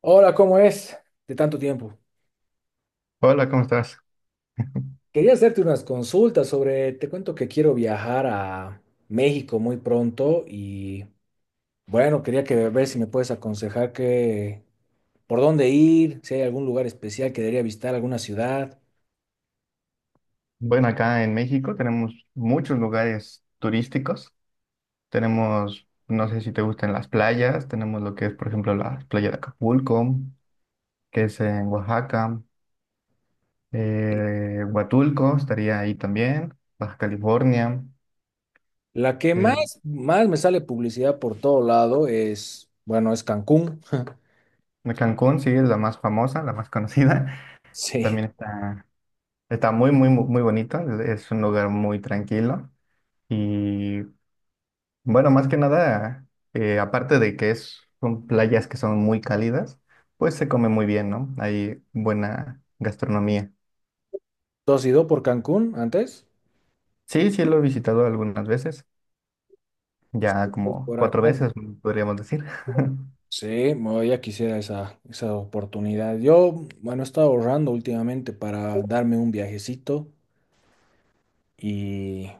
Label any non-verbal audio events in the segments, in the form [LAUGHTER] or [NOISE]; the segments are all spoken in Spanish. Hola, ¿cómo es? De tanto tiempo. Hola, ¿cómo estás? Quería hacerte unas consultas sobre, te cuento que quiero viajar a México muy pronto y bueno, quería que ver si me puedes aconsejar que por dónde ir, si hay algún lugar especial que debería visitar, alguna ciudad. Bueno, acá en México tenemos muchos lugares turísticos. Tenemos, no sé si te gustan las playas, tenemos lo que es, por ejemplo, la playa de Acapulco, que es en Oaxaca, Y Huatulco estaría ahí también, Baja California, La que más, eh, más me sale publicidad por todo lado es, bueno, es Cancún. [LAUGHS] Cancún sí es la más famosa, la más conocida. [LAUGHS] Sí. También está muy, muy, muy muy bonita, es un lugar muy tranquilo. Y bueno, más que nada, aparte de que es, son playas que son muy cálidas, pues se come muy bien, ¿no? Hay buena gastronomía. ¿Tú has ido por Cancún antes? Sí, sí, lo he visitado algunas veces, ya Pues como por cuatro acá. veces, podríamos decir. [LAUGHS] Sí, bueno, ya quisiera esa oportunidad. Yo, bueno, he estado ahorrando últimamente para darme un viajecito y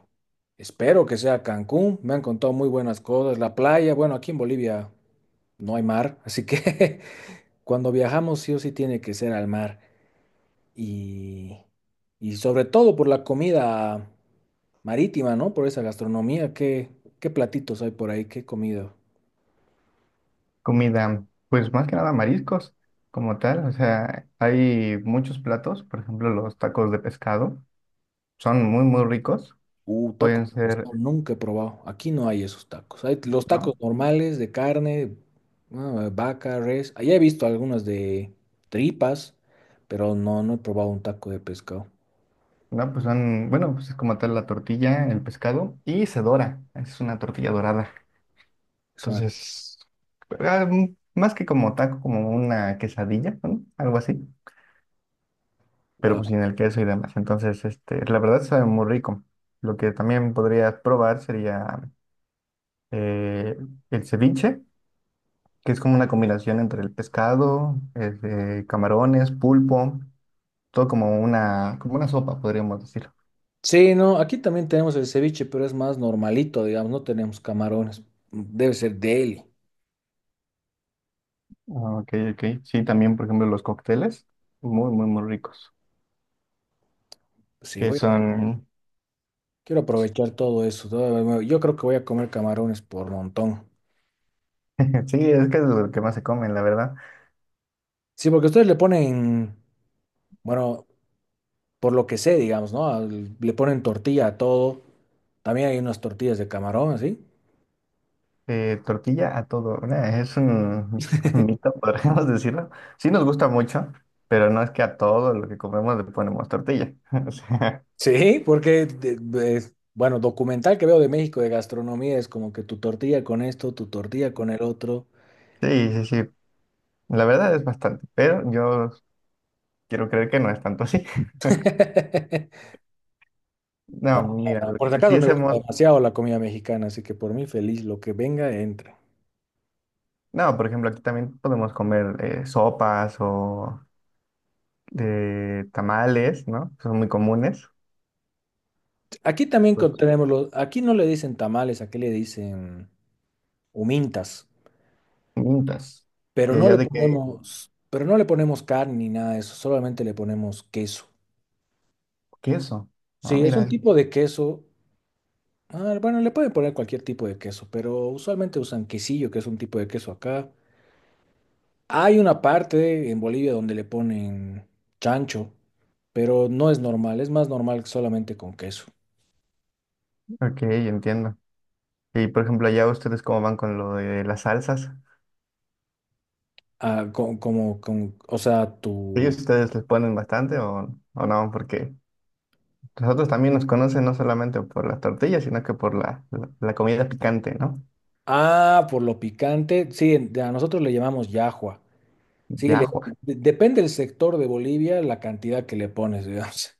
espero que sea Cancún. Me han contado muy buenas cosas. La playa, bueno, aquí en Bolivia no hay mar, así que [LAUGHS] cuando viajamos sí o sí tiene que ser al mar. Y, y sobre todo por la comida marítima, ¿no? Por esa gastronomía. ¿Qué platitos hay por ahí? ¿Qué comida? Comida, pues más que nada mariscos como tal, o sea, hay muchos platos, por ejemplo, los tacos de pescado, son muy, muy ricos, Tacos pueden de ser, pescado, nunca he probado. Aquí no hay esos tacos. Hay los tacos ¿no? normales de carne, ah, vaca, res. Allá he visto algunas de tripas, pero no he probado un taco de pescado. No, pues son, bueno, pues es como tal la tortilla, el pescado y se dora, es una tortilla dorada. Es una- Entonces, más que como taco, como una quesadilla, ¿no? Algo así, pero Wow. pues sin el queso y demás. Entonces, este, la verdad sabe muy rico. Lo que también podrías probar sería eh, el ceviche, que es como una combinación entre el pescado, este, camarones, pulpo, todo como una sopa, podríamos decir. Sí, no, aquí también tenemos el ceviche, pero es más normalito, digamos, no tenemos camarones. Debe ser deli. Ah, ok, ok. Sí, también, por ejemplo, los cócteles, muy, muy, muy ricos, Sí, que voy a- son, quiero aprovechar todo eso. Yo creo que voy a comer camarones por montón. [LAUGHS] sí, es que es lo que más se comen, la verdad. Sí, porque ustedes le ponen, bueno, por lo que sé, digamos, ¿no? Le ponen tortilla a todo. También hay unas tortillas de camarón, ¿sí? Tortilla a todo. Nah, es un [LAUGHS] mito, podríamos decirlo. Sí nos gusta mucho, pero no es que a todo lo que comemos le ponemos tortilla. [LAUGHS] O sea, Sí, porque, bueno, documental que veo de México de gastronomía es como que tu tortilla con esto, tu tortilla con el otro. sí, sí, sí. La verdad es bastante, pero yo quiero creer que no es tanto así. [LAUGHS] [LAUGHS] No, mira, lo Por si que acaso sí me gusta hacemos, demasiado la comida mexicana, así que por mí feliz, lo que venga, entra. no, por ejemplo, aquí también podemos comer sopas o tamales, ¿no? Son muy comunes. Aquí también Los tenemos los, aquí no le dicen tamales, aquí le dicen humintas, mintas. Y allá de que pero no le ponemos carne ni nada de eso, solamente le ponemos queso. queso. Ah, Sí, es mira, un tipo de queso. Ah, bueno, le pueden poner cualquier tipo de queso, pero usualmente usan quesillo, que es un tipo de queso acá. Hay una parte en Bolivia donde le ponen chancho, pero no es normal, es más normal solamente con queso. ok, entiendo. Y por ejemplo, allá ustedes cómo van con lo de las salsas. O sea, ¿Ellos tu... ustedes les ponen bastante o no? Porque nosotros también nos conocen no solamente por las tortillas, sino que por la comida picante, ¿no? Ah, por lo picante. Sí, a nosotros le llamamos yahua. Sí, Yahua. Depende del sector de Bolivia, la cantidad que le pones, [LAUGHS] digamos.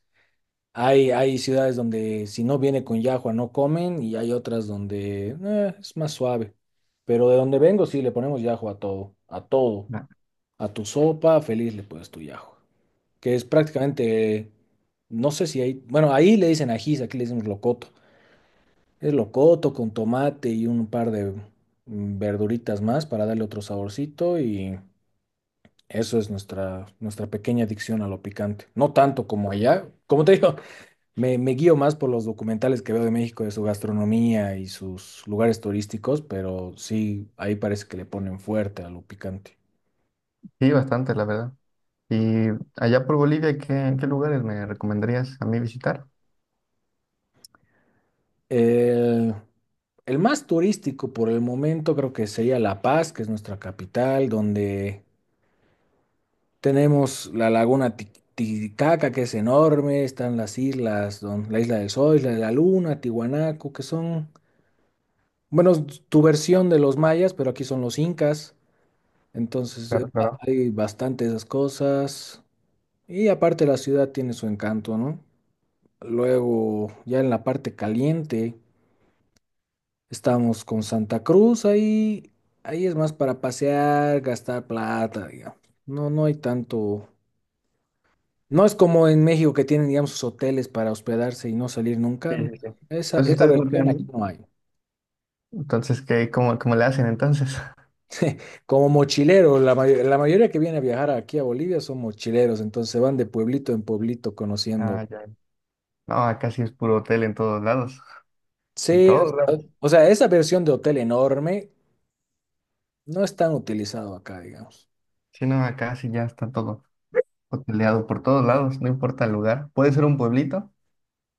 Hay ciudades donde si no viene con llajua no comen y hay otras donde es más suave. Pero de donde vengo sí le ponemos llajua a todo, a todo. Ah, A tu sopa, feliz le pones tu llajua. Que es prácticamente, no sé si hay, bueno, ahí le dicen ajís, aquí le decimos locoto. Es locoto con tomate y un par de verduritas más para darle otro saborcito y eso es nuestra pequeña adicción a lo picante. No tanto como allá, como te digo. Me guío más por los documentales que veo de México, de su gastronomía y sus lugares turísticos, pero sí, ahí parece que le ponen fuerte a lo picante. sí, bastante, la verdad. Y allá por Bolivia, ¿qué lugares me recomendarías a mí visitar? El, el más turístico por el momento creo que sería La Paz, que es nuestra capital, donde tenemos la laguna Titicaca, que es enorme, están las islas, la Isla del Sol, Isla de la Luna, Tiwanaku, que son, bueno, tu versión de los mayas, pero aquí son los incas. Entonces, Claro, claro. hay bastante esas cosas. Y aparte la ciudad tiene su encanto, ¿no? Luego, ya en la parte caliente, estamos con Santa Cruz. Ahí es más para pasear, gastar plata, digamos. No, no hay tanto. No es como en México que tienen, digamos, sus hoteles para hospedarse y no salir nunca. Sí, No, sí, sí. Esa, Entonces esa ustedes no versión tienen aquí ahí. no hay. Entonces, ¿qué, cómo le hacen entonces? Como mochilero, la mayoría que viene a viajar aquí a Bolivia son mochileros, entonces se van de pueblito en pueblito [LAUGHS] conociendo. Ah, ya. No, acá sí es puro hotel en todos lados. En Sí, todos lados. o sea, esa versión de hotel enorme no es tan utilizado acá, digamos. Sí, no, acá sí ya está todo. Hoteleado por todos lados, no importa el lugar. Puede ser un pueblito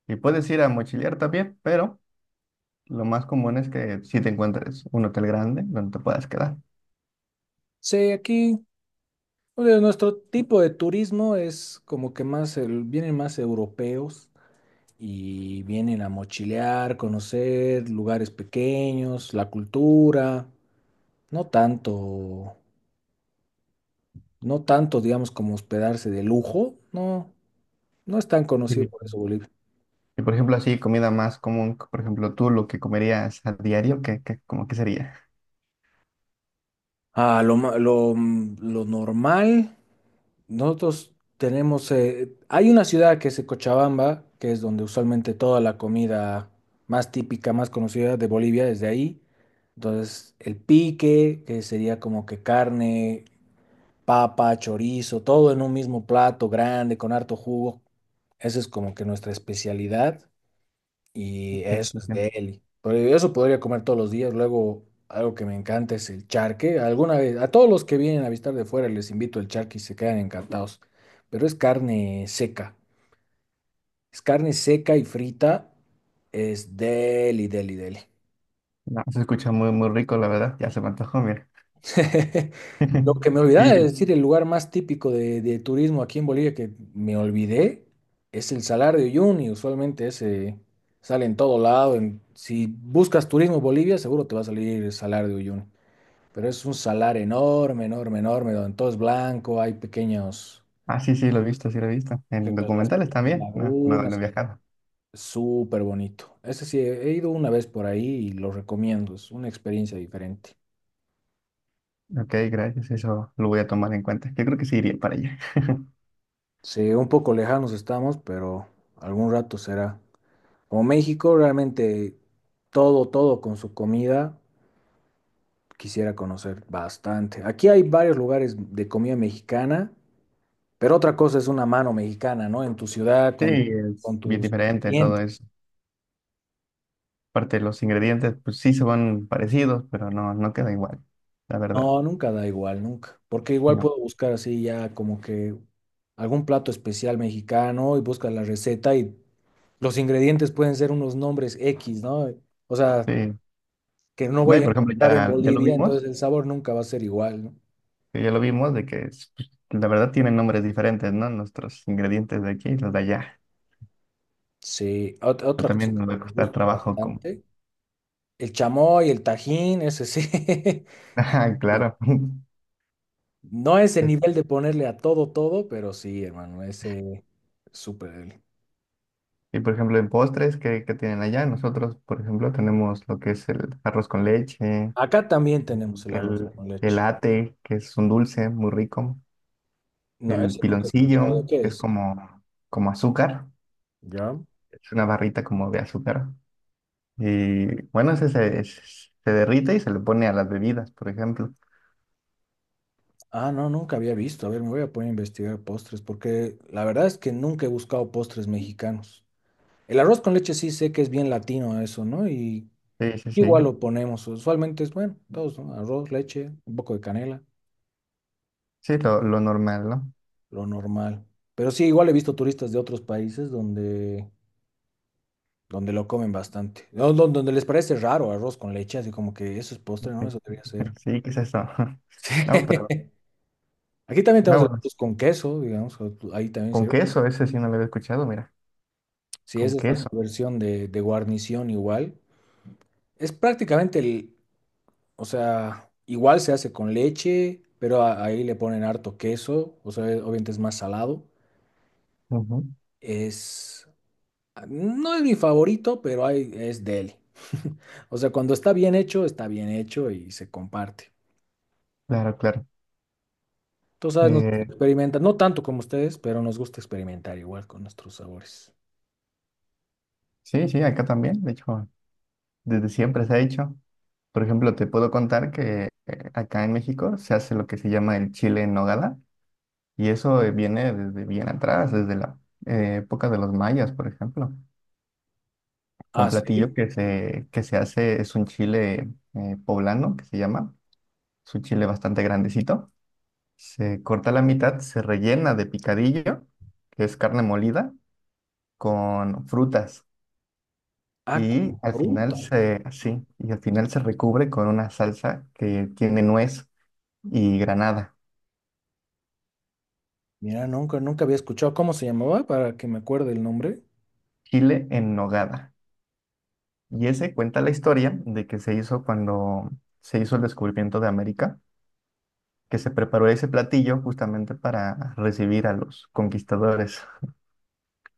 y puedes ir a mochilear también, pero lo más común es que si te encuentres un hotel grande donde te puedas quedar. Sí, aquí o sea, nuestro tipo de turismo es como que más, vienen más europeos y vienen a mochilear, conocer lugares pequeños, la cultura, no tanto, no tanto, digamos, como hospedarse de lujo, no, no es tan conocido por Sí. eso Bolivia. Y por ejemplo, así comida más común, por ejemplo, tú lo que comerías a diario, ¿qué, qué, como qué sería? Ah, lo, ma- lo, mm, lo normal. Nosotros tenemos, hay una ciudad que es Cochabamba, que es donde usualmente toda la comida más típica, más conocida de Bolivia es de ahí. Entonces, el pique, que sería como que carne, papa, chorizo, todo en un mismo plato grande, con harto jugo. Esa es como que nuestra especialidad y eso es de [LAUGHS] él. Pero eso podría comer todos los días. Luego, algo que me encanta es el charque. Alguna vez, a todos los que vienen a visitar de fuera les invito el charque y se quedan encantados. Pero es carne seca. Es carne seca y frita. Es deli, deli, deli. No, se escucha muy, muy rico, la verdad. Ya se me antojó, mira. [LAUGHS] Lo que [LAUGHS] me olvidaba de Sí. decir, el lugar más típico de turismo aquí en Bolivia que me olvidé es el Salar de Uyuni. Usualmente ese sale en todo lado. Si buscas turismo en Bolivia, seguro te va a salir el Salar de Uyuni. Pero es un salar enorme, enorme, enorme, donde todo es blanco, hay pequeños, Ah, sí, sí, lo he visto, sí lo he visto. por En ejemplo, las documentales pequeñas también. No, no, no he lagunas, y viajado. es súper bonito. Ese sí, he ido una vez por ahí y lo recomiendo, es una experiencia diferente. Ok, gracias. Eso lo voy a tomar en cuenta. Yo creo que sí iría para allá. [LAUGHS] Sí, un poco lejanos estamos, pero algún rato será. Como México, realmente todo, todo con su comida, quisiera conocer bastante. Aquí hay varios lugares de comida mexicana, pero otra cosa es una mano mexicana, ¿no? En tu ciudad, Sí, es con bien tus diferente todo clientes. eso. Aparte, los ingredientes, pues sí se van parecidos, pero no, no queda igual, la verdad. No, nunca da igual, nunca. Porque Y igual no. puedo buscar así ya como que algún plato especial mexicano y buscas la receta y los ingredientes pueden ser unos nombres X, ¿no? O sea, Sí. que no No, y voy a por ejemplo, encontrar en ya, ya lo Bolivia, vimos, entonces el sabor nunca va a ser igual, ¿no? que ya lo vimos de que es, pues, la verdad tienen nombres diferentes, ¿no? Nuestros ingredientes de aquí y los de allá. Sí, Pero otra cosa también nos que va me a costar gusta trabajo como. bastante, el chamoy, el tajín, ese sí. [LAUGHS] [LAUGHS] Ajá, Y claro. [LAUGHS] No ese nivel de ponerle a todo, todo, pero sí, hermano, ese es súper. Deli. Y por ejemplo, en postres, ¿qué, qué tienen allá? Nosotros, por ejemplo, tenemos lo que es el arroz con leche, Acá también tenemos el arroz el, con el leche. ate, que es un dulce muy rico, No, el ese nunca he escuchado de piloncillo, qué que es es. como, como azúcar. ¿Ya? Es una barrita como de azúcar. Y bueno, ese se derrite y se le pone a las bebidas, por ejemplo. Ah, no, nunca había visto. A ver, me voy a poner a investigar postres, porque la verdad es que nunca he buscado postres mexicanos. El arroz con leche sí sé que es bien latino eso, ¿no? Y Sí, sí, sí. igual lo ponemos, usualmente es bueno, todos, ¿no? Arroz, leche, un poco de canela, Sí, lo normal, ¿no? lo normal. Pero sí, igual he visto turistas de otros países donde lo comen bastante. No, don- Donde les parece raro arroz con leche, así como que eso es postre, ¿no? [LAUGHS] Eso debería ser. Sí, [LAUGHS] ¿qué es eso? [LAUGHS] No, pero, Sí. Aquí también no, tenemos el bueno, arroz con queso, digamos, ahí también con sirve. queso, ese sí no lo había escuchado, mira, Sí, con esa es nuestra queso. versión de guarnición igual. Es prácticamente o sea, igual se hace con leche, pero ahí le ponen harto queso, o sea, obviamente es más salado. Ujú. Es, no es mi favorito, pero hay, es de él. [LAUGHS] O sea, cuando está bien hecho y se comparte. Claro, claro. Tú sabes, nos Eh, gusta experimentar, no tanto como ustedes, pero nos gusta experimentar igual con nuestros sabores. sí, sí, acá también, de hecho, desde siempre se ha hecho. Por ejemplo, te puedo contar que acá en México se hace lo que se llama el chile en nogada. Y eso viene desde bien atrás, desde la época de los mayas, por ejemplo. Un Ah, platillo sí. que se hace es un chile poblano, que se llama. Es un chile bastante grandecito. Se corta la mitad, se rellena de picadillo, que es carne molida, con frutas. Ah, Y con al fruta. final y al final se recubre con una salsa que tiene nuez y granada. Mira, nunca, nunca había escuchado cómo se llamaba para que me acuerde el nombre. Chile en nogada. Y ese cuenta la historia de que se hizo cuando se hizo el descubrimiento de América, que se preparó ese platillo justamente para recibir a los conquistadores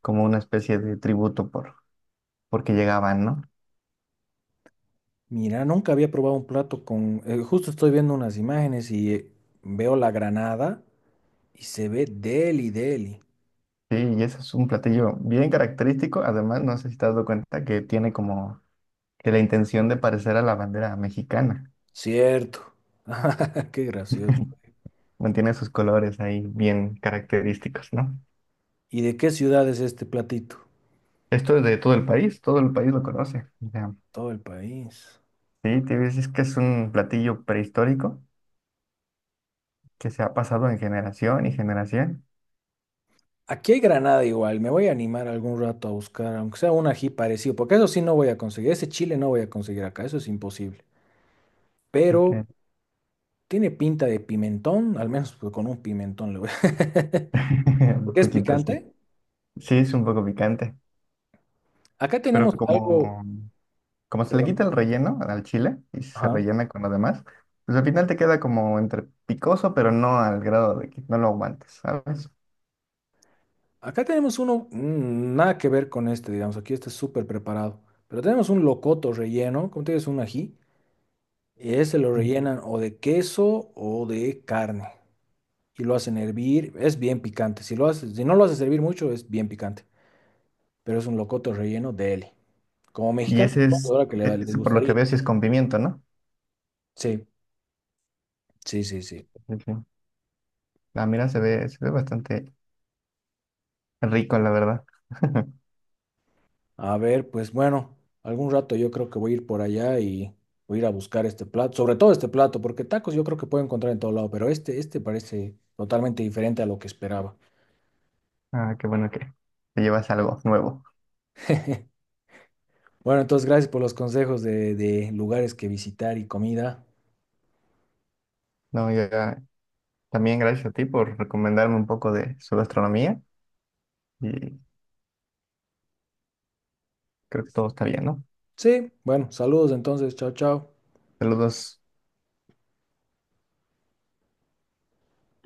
como una especie de tributo por porque llegaban, ¿no? Mira, nunca había probado un plato con. Justo estoy viendo unas imágenes y veo la granada y se ve deli, deli. Sí, y ese es un platillo bien característico. Además, no sé si te has dado cuenta que tiene como que la intención de parecer a la bandera mexicana. Cierto. [LAUGHS] Qué gracioso. [LAUGHS] Mantiene sus colores ahí bien característicos, ¿no? ¿Y de qué ciudad es este platito? Esto es de todo el país lo conoce. O sea, Todo el país. sí, te ves, es que es un platillo prehistórico que se ha pasado en generación y generación. Aquí hay Granada igual, me voy a animar algún rato a buscar, aunque sea un ají parecido, porque eso sí no voy a conseguir, ese chile no voy a conseguir acá, eso es imposible. Pero Ok. tiene pinta de pimentón, al menos pues, con un pimentón le voy a... [LAUGHS] [LAUGHS] Un Porque es poquito sí. picante. Sí, es un poco picante, Acá pero tenemos algo, como, como se le perdón, quita el relleno al chile y se ajá. rellena con lo demás, pues al final te queda como entre picoso, pero no al grado de que no lo aguantes, ¿sabes? Acá tenemos uno, nada que ver con este, digamos, aquí este es súper preparado, pero tenemos un locoto relleno, como te digo, es un ají. Y ese lo Mm. rellenan o de queso o de carne. Y lo hacen hervir. Es bien picante. Si no lo haces hervir mucho, es bien picante. Pero es un locoto relleno de Eli. Como Y mexicano, ese supongo es, ahora que e- les ese por lo que gustaría. veo, si es con pimiento, ¿no? Sí, sí, sí, sí. Sí, sí. Ah, mira, se ve bastante rico, la verdad. [LAUGHS] A ver, pues bueno, algún rato yo creo que voy a ir por allá y voy a ir a buscar este plato. Sobre todo este plato, porque tacos yo creo que puedo encontrar en todo lado. Pero este parece totalmente diferente a lo que esperaba. Ah, qué bueno que te llevas algo nuevo. [LAUGHS] Bueno, entonces gracias por los consejos de lugares que visitar y comida. No, ya, también gracias a ti por recomendarme un poco de su gastronomía y creo que todo está bien, ¿no? Sí, bueno, saludos entonces, chao, chao. Saludos.